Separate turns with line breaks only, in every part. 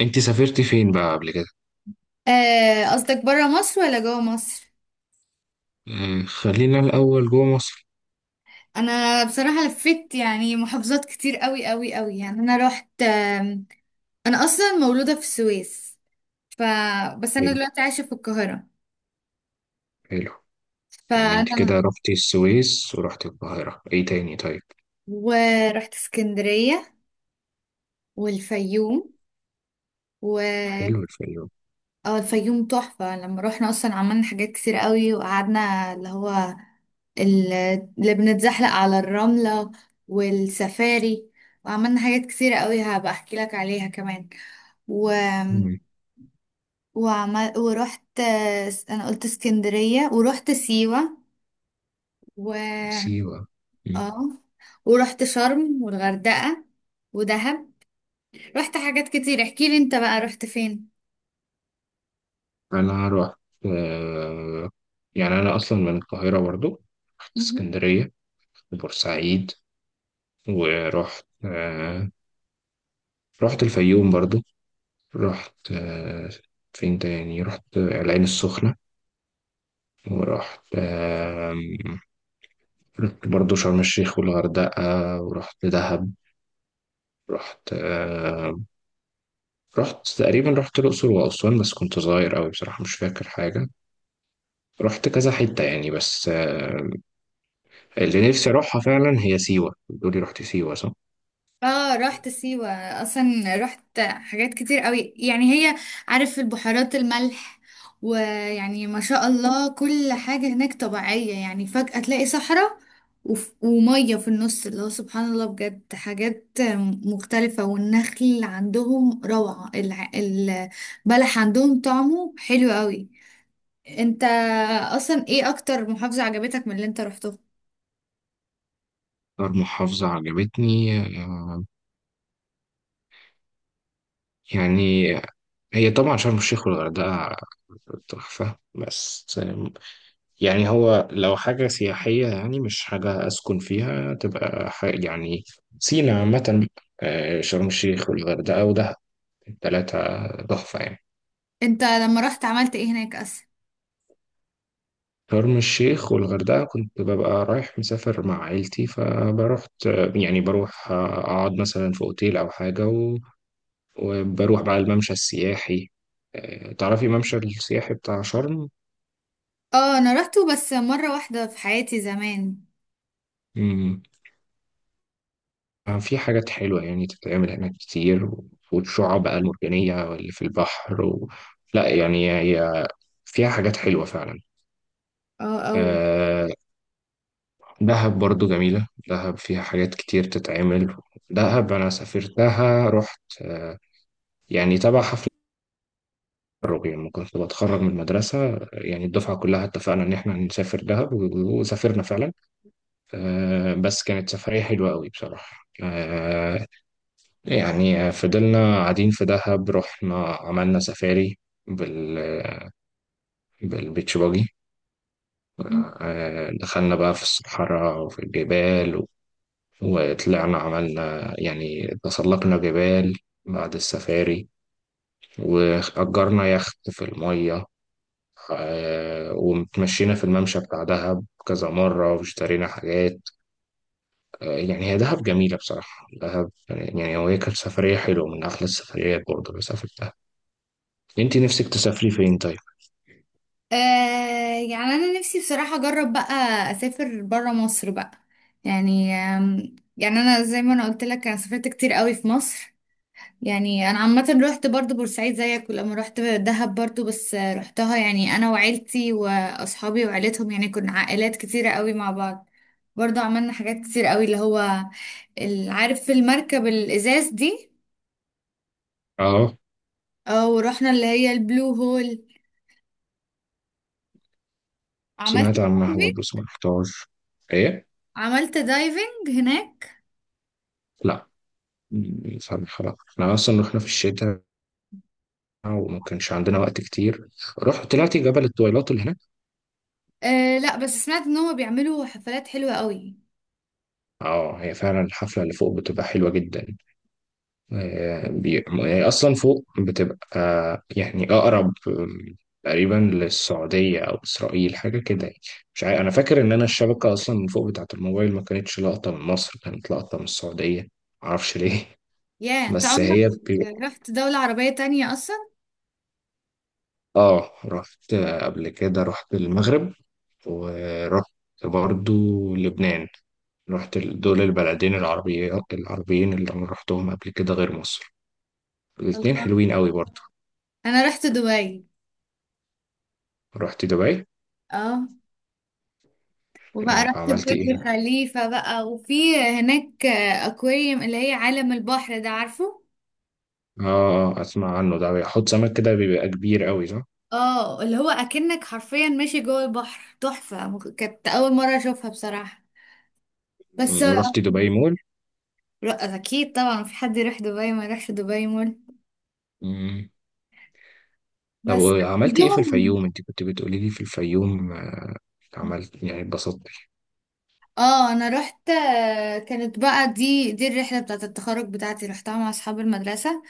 انت سافرتي فين بقى قبل كده؟
قصدك برا مصر ولا جوا مصر؟
آه، خلينا الاول جوه مصر.
انا بصراحة لفيت يعني محافظات كتير قوي قوي قوي، يعني انا رحت انا اصلا مولودة في السويس. ف بس انا
حلو.
دلوقتي عايشة في القاهرة.
حلو. يعني انت كده
فانا
رحتي السويس ورحتي القاهره، ايه تاني طيب؟
ورحت اسكندرية والفيوم و
حلو الفيوم.
اه، الفيوم تحفة. لما روحنا اصلا عملنا حاجات كتير قوي، وقعدنا اللي هو ال- اللي بنتزحلق على الرملة والسفاري، وعملنا حاجات كتير قوي هبقى احكي لك عليها كمان. و
مم،
وعمل ورحت انا قلت اسكندرية، ورحت سيوة و
سيوه. مم.
اه، ورحت شرم والغردقة ودهب. رحت حاجات كتير. احكي لي انت بقى رحت فين.
انا رحت، آه، يعني انا اصلا من القاهره برضو. رحت اسكندريه وبورسعيد ورحت، رحت الفيوم برضو. رحت، فين تاني رحت العين السخنه ورحت، رحت برضه شرم الشيخ والغردقة ورحت دهب. رحت رحت تقريبا رحت الأقصر وأسوان، بس كنت صغير أوي بصراحة مش فاكر حاجة. رحت كذا حتة يعني، بس اللي نفسي أروحها فعلا هي سيوة. بتقولي رحت سيوة صح؟
اه رحت سيوة، اصلا رحت حاجات كتير قوي. يعني هي، عارف البحيرات الملح؟ ويعني ما شاء الله كل حاجة هناك طبيعية، يعني فجأة تلاقي صحراء ومية في النص، اللي هو سبحان الله بجد حاجات مختلفة، والنخل عندهم روعة، البلح عندهم طعمه حلو قوي. انت اصلا ايه اكتر محافظة عجبتك من اللي انت رحته؟
أكتر محافظة عجبتني، آه يعني هي طبعا شرم الشيخ والغردقة تحفة. بس يعني هو لو حاجة سياحية، يعني مش حاجة أسكن فيها تبقى يعني سينا عامة. آه، شرم الشيخ والغردقة ودهب، التلاتة تحفة يعني.
انت لما رحت عملت ايه هناك اصلا؟
شرم الشيخ والغردقة كنت ببقى رايح مسافر مع عيلتي، فبروحت يعني بروح أقعد مثلا في أوتيل أو حاجة وبروح بقى الممشى السياحي. آه، تعرفي الممشى السياحي بتاع شرم؟
اه انا رحته بس مرة واحدة في حياتي زمان.
آه، في حاجات حلوة يعني تتعمل هناك كتير، والشعاب بقى المرجانية واللي في البحر لا يعني هي فيها حاجات حلوة فعلا.
اه قوي.
آه، دهب برضو جميلة. دهب فيها حاجات كتير تتعمل. دهب أنا سافرتها، رحت، يعني تبع حفل التخرج لما كنت بتخرج من المدرسة. يعني الدفعة كلها اتفقنا إن إحنا هنسافر دهب وسافرنا فعلا. آه، بس كانت سفرية حلوة قوي بصراحة. آه، يعني فضلنا قاعدين في دهب، رحنا عملنا سفاري بال بالبيتش باجي.
مم.
آه، دخلنا بقى في الصحراء وفي الجبال وطلعنا عملنا يعني تسلقنا جبال بعد السفاري، وأجرنا يخت في المية. آه، ومتمشينا في الممشى بتاع دهب كذا مرة واشترينا حاجات. آه، يعني هي دهب جميلة بصراحة. دهب يعني، يعني هو هي كانت سفرية حلوة من أحلى السفريات برضه اللي سافرتها. انت نفسك تسافري فين طيب؟
آه، يعني انا نفسي بصراحة اجرب بقى اسافر برا مصر بقى. يعني يعني انا زي ما انا قلت لك انا سافرت كتير قوي في مصر. يعني انا عامة رحت برضو بورسعيد زيك، ولما رحت دهب برضو، بس رحتها يعني انا وعيلتي واصحابي وعيلتهم، يعني كنا عائلات كتيرة قوي مع بعض. برضو عملنا حاجات كتير قوي، اللي هو عارف المركب الازاز دي؟
اه،
اه، ورحنا اللي هي البلو هول، عملت
سمعت عنها
دايفنج،
برضه بس ما رحتهاش. ايه؟
عملت دايفنج هناك.
لا، فاهم خلاص. احنا اصلا رحنا في الشتاء وما كانش عندنا وقت كتير. رحت طلعت جبل الطويلات اللي هناك.
آه لا، بس سمعت ان هما بيعملوا حفلات حلوة قوي.
اه، هي فعلا الحفله اللي فوق بتبقى حلوه جدا. آه، هي اصلا فوق بتبقى، يعني اقرب، تقريبا للسعوديه او اسرائيل، حاجه كده يعني. مش عارف، انا فاكر ان انا الشبكه اصلا من فوق بتاعه الموبايل ما كانتش لقطه من مصر، كانت لقطه من السعوديه. معرفش ليه.
يا انت
بس
عمرك
هي
رحت دولة عربية تانية اصلا؟
اه، رحت قبل كده رحت المغرب، ورحت برضو لبنان. رحت دول البلدين العربية العربيين اللي انا رحتهم قبل كده غير مصر. الاتنين
الله،
حلوين قوي برضو.
انا رحت دبي.
رحت دبي.
اه، وبقى
آه،
رحت
عملت
برج
ايه؟
خليفة بقى، وفي هناك اكواريوم اللي هي عالم البحر ده، عارفه؟
اه. آه، اسمع عنه ده بيحط سمك كده بيبقى كبير قوي صح؟
اه اللي هو اكنك حرفيا ماشي جوه البحر، تحفة، كانت اول مرة اشوفها بصراحة. بس
مم. رحت دبي مول.
ر- اكيد طبعا في حد يروح دبي ما يروحش دبي مول.
مم. طب
بس
عملت ايه في
يوم،
الفيوم؟ انت كنت بتقولي لي في الفيوم، عملت يعني اتبسطت.
اه انا رحت كانت بقى دي الرحله بتاعه التخرج بتاعتي، رحتها مع اصحاب المدرسه،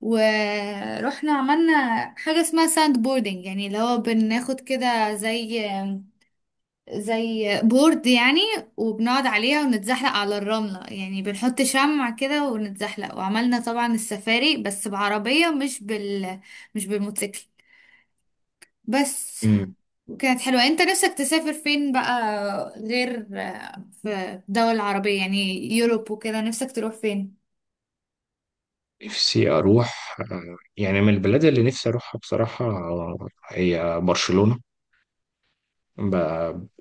ورحنا عملنا حاجه اسمها ساند بوردنج، يعني اللي هو بناخد كده زي زي بورد يعني، وبنقعد عليها ونتزحلق على الرمله، يعني بنحط شمع كده ونتزحلق، وعملنا طبعا السفاري بس بعربيه مش مش بالموتوسيكل. بس كانت حلوة. انت نفسك تسافر فين بقى غير في الدول العربية، يعني يوروب وكده، نفسك تروح فين؟
نفسي أروح، يعني من البلاد اللي نفسي أروحها بصراحة، هي برشلونة. ب...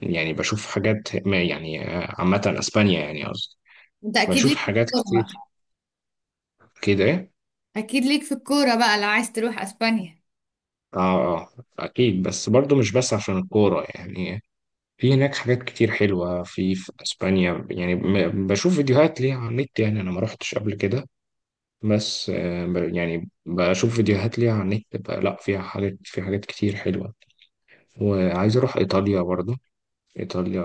يعني بشوف حاجات، ما يعني عامة أسبانيا يعني قصدي.
انت اكيد
بشوف
ليك في
حاجات
الكورة
كتير
بقى.
كده.
اكيد ليك في الكورة بقى لو عايز تروح اسبانيا.
آه آه. أكيد، بس برضو مش بس عشان الكورة يعني. في هناك حاجات كتير حلوة في, أسبانيا يعني. بشوف فيديوهات ليها على النت. يعني أنا ما روحتش قبل كده بس يعني بشوف فيديوهات ليها على النت لا فيها حاجات، في حاجات كتير حلوة. وعايز أروح إيطاليا برضو. إيطاليا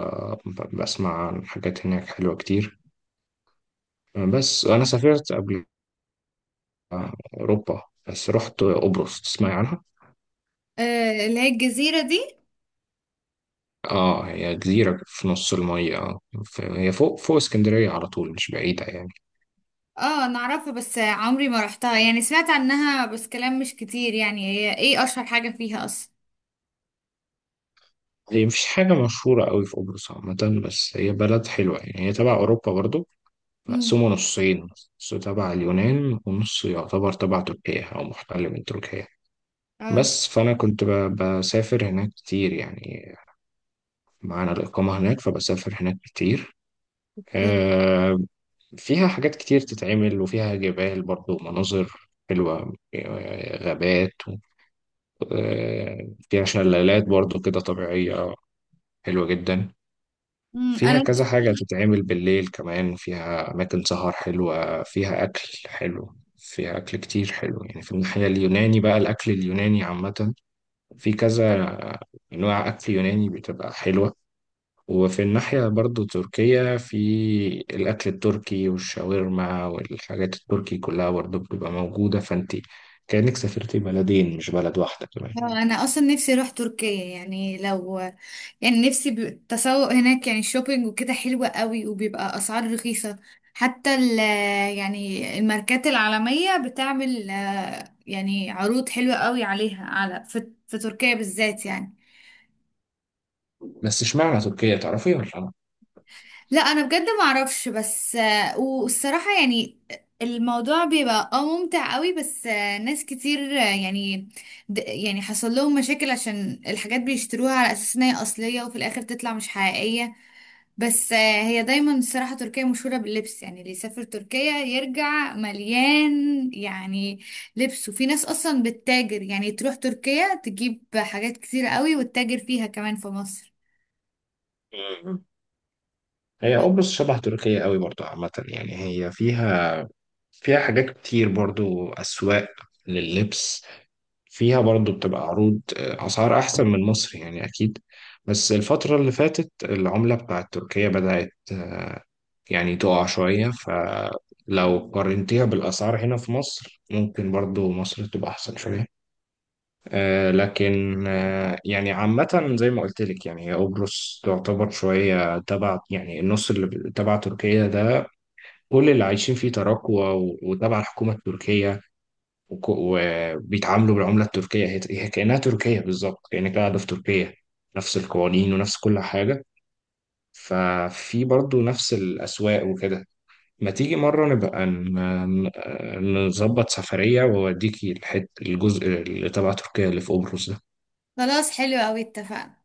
بسمع عن حاجات هناك حلوة كتير. بس أنا سافرت قبل أوروبا، بس رحت قبرص. تسمعي عنها؟
آه اللي هي الجزيرة دي.
آه، هي جزيرة في نص المية. هي فوق فوق اسكندرية على طول، مش بعيدة يعني.
اه انا اعرفها بس عمري ما رحتها، يعني سمعت عنها بس كلام مش كتير، يعني هي ايه اشهر حاجة فيها اصلا؟
هي مفيش حاجة مشهورة قوي في قبرص عامة، بس هي بلد حلوة يعني. هي تبع أوروبا برضو،
امم،
مقسومة نصين، نص تبع اليونان ونص يعتبر تبع تركيا أو محتل من تركيا.
اه.
بس فأنا كنت بسافر هناك كتير يعني، معانا الإقامة هناك فبسافر هناك كتير.
اوكي.
آه، فيها حاجات كتير تتعمل، وفيها جبال برضو، مناظر حلوة، غابات، فيها شلالات برضو كده طبيعية حلوة جدا.
مم،
فيها
انا
كذا حاجة تتعمل بالليل كمان، فيها أماكن سهر حلوة، فيها أكل حلو. فيها أكل كتير حلو يعني. في الناحية اليوناني بقى، الأكل اليوناني عامة، في كذا أنواع أكل يوناني بتبقى حلوة. وفي الناحية برضو تركيا، في الأكل التركي والشاورما والحاجات التركي كلها برضو بتبقى موجودة. فأنت كأنك سافرتي بلدين مش بلد واحدة كمان.
اه انا اصلا نفسي اروح تركيا. يعني لو يعني نفسي التسوق هناك، يعني الشوبينج وكده حلوة قوي، وبيبقى اسعار رخيصة، حتى يعني الماركات العالمية بتعمل يعني عروض حلوة قوي عليها، على في تركيا بالذات يعني.
بس اشمعنى تركيا، تعرفي ولا لا؟
لا انا بجد ما اعرفش، بس والصراحه يعني الموضوع بيبقى اه ممتع قوي، بس ناس كتير، يعني يعني حصل لهم مشاكل عشان الحاجات بيشتروها على اساس ان هي اصليه وفي الاخر تطلع مش حقيقيه. بس هي دايما الصراحه تركيا مشهوره باللبس، يعني اللي يسافر تركيا يرجع مليان يعني لبس، وفي ناس اصلا بتتاجر، يعني تروح تركيا تجيب حاجات كتير قوي وتتاجر فيها كمان في مصر.
مم. هي
ب-
قبرص شبه تركيا قوي برضو عامة يعني. هي فيها حاجات كتير برضو، أسواق لللبس، فيها برضو بتبقى عروض، أسعار أحسن من مصر يعني أكيد. بس الفترة اللي فاتت العملة بتاعت تركيا بدأت يعني تقع شوية، فلو قارنتيها بالأسعار هنا في مصر ممكن برضو مصر تبقى أحسن شوية. آه، لكن آه يعني عامة، زي ما قلت لك، يعني هي قبرص تعتبر شوية تبع، يعني النص اللي تبع تركيا ده، كل اللي عايشين فيه تراكوة وتبع الحكومة التركية، وبيتعاملوا بالعملة التركية. هي كأنها تركيا بالظبط، كأنك قاعدة في تركيا، نفس القوانين ونفس كل حاجة. ففي برضو نفس الأسواق وكده. ما تيجي مرة نبقى نظبط سفرية وأوديكي الحت الجزء اللي تبع تركيا اللي في قبرص ده؟
خلاص حلو قوي، اتفقنا.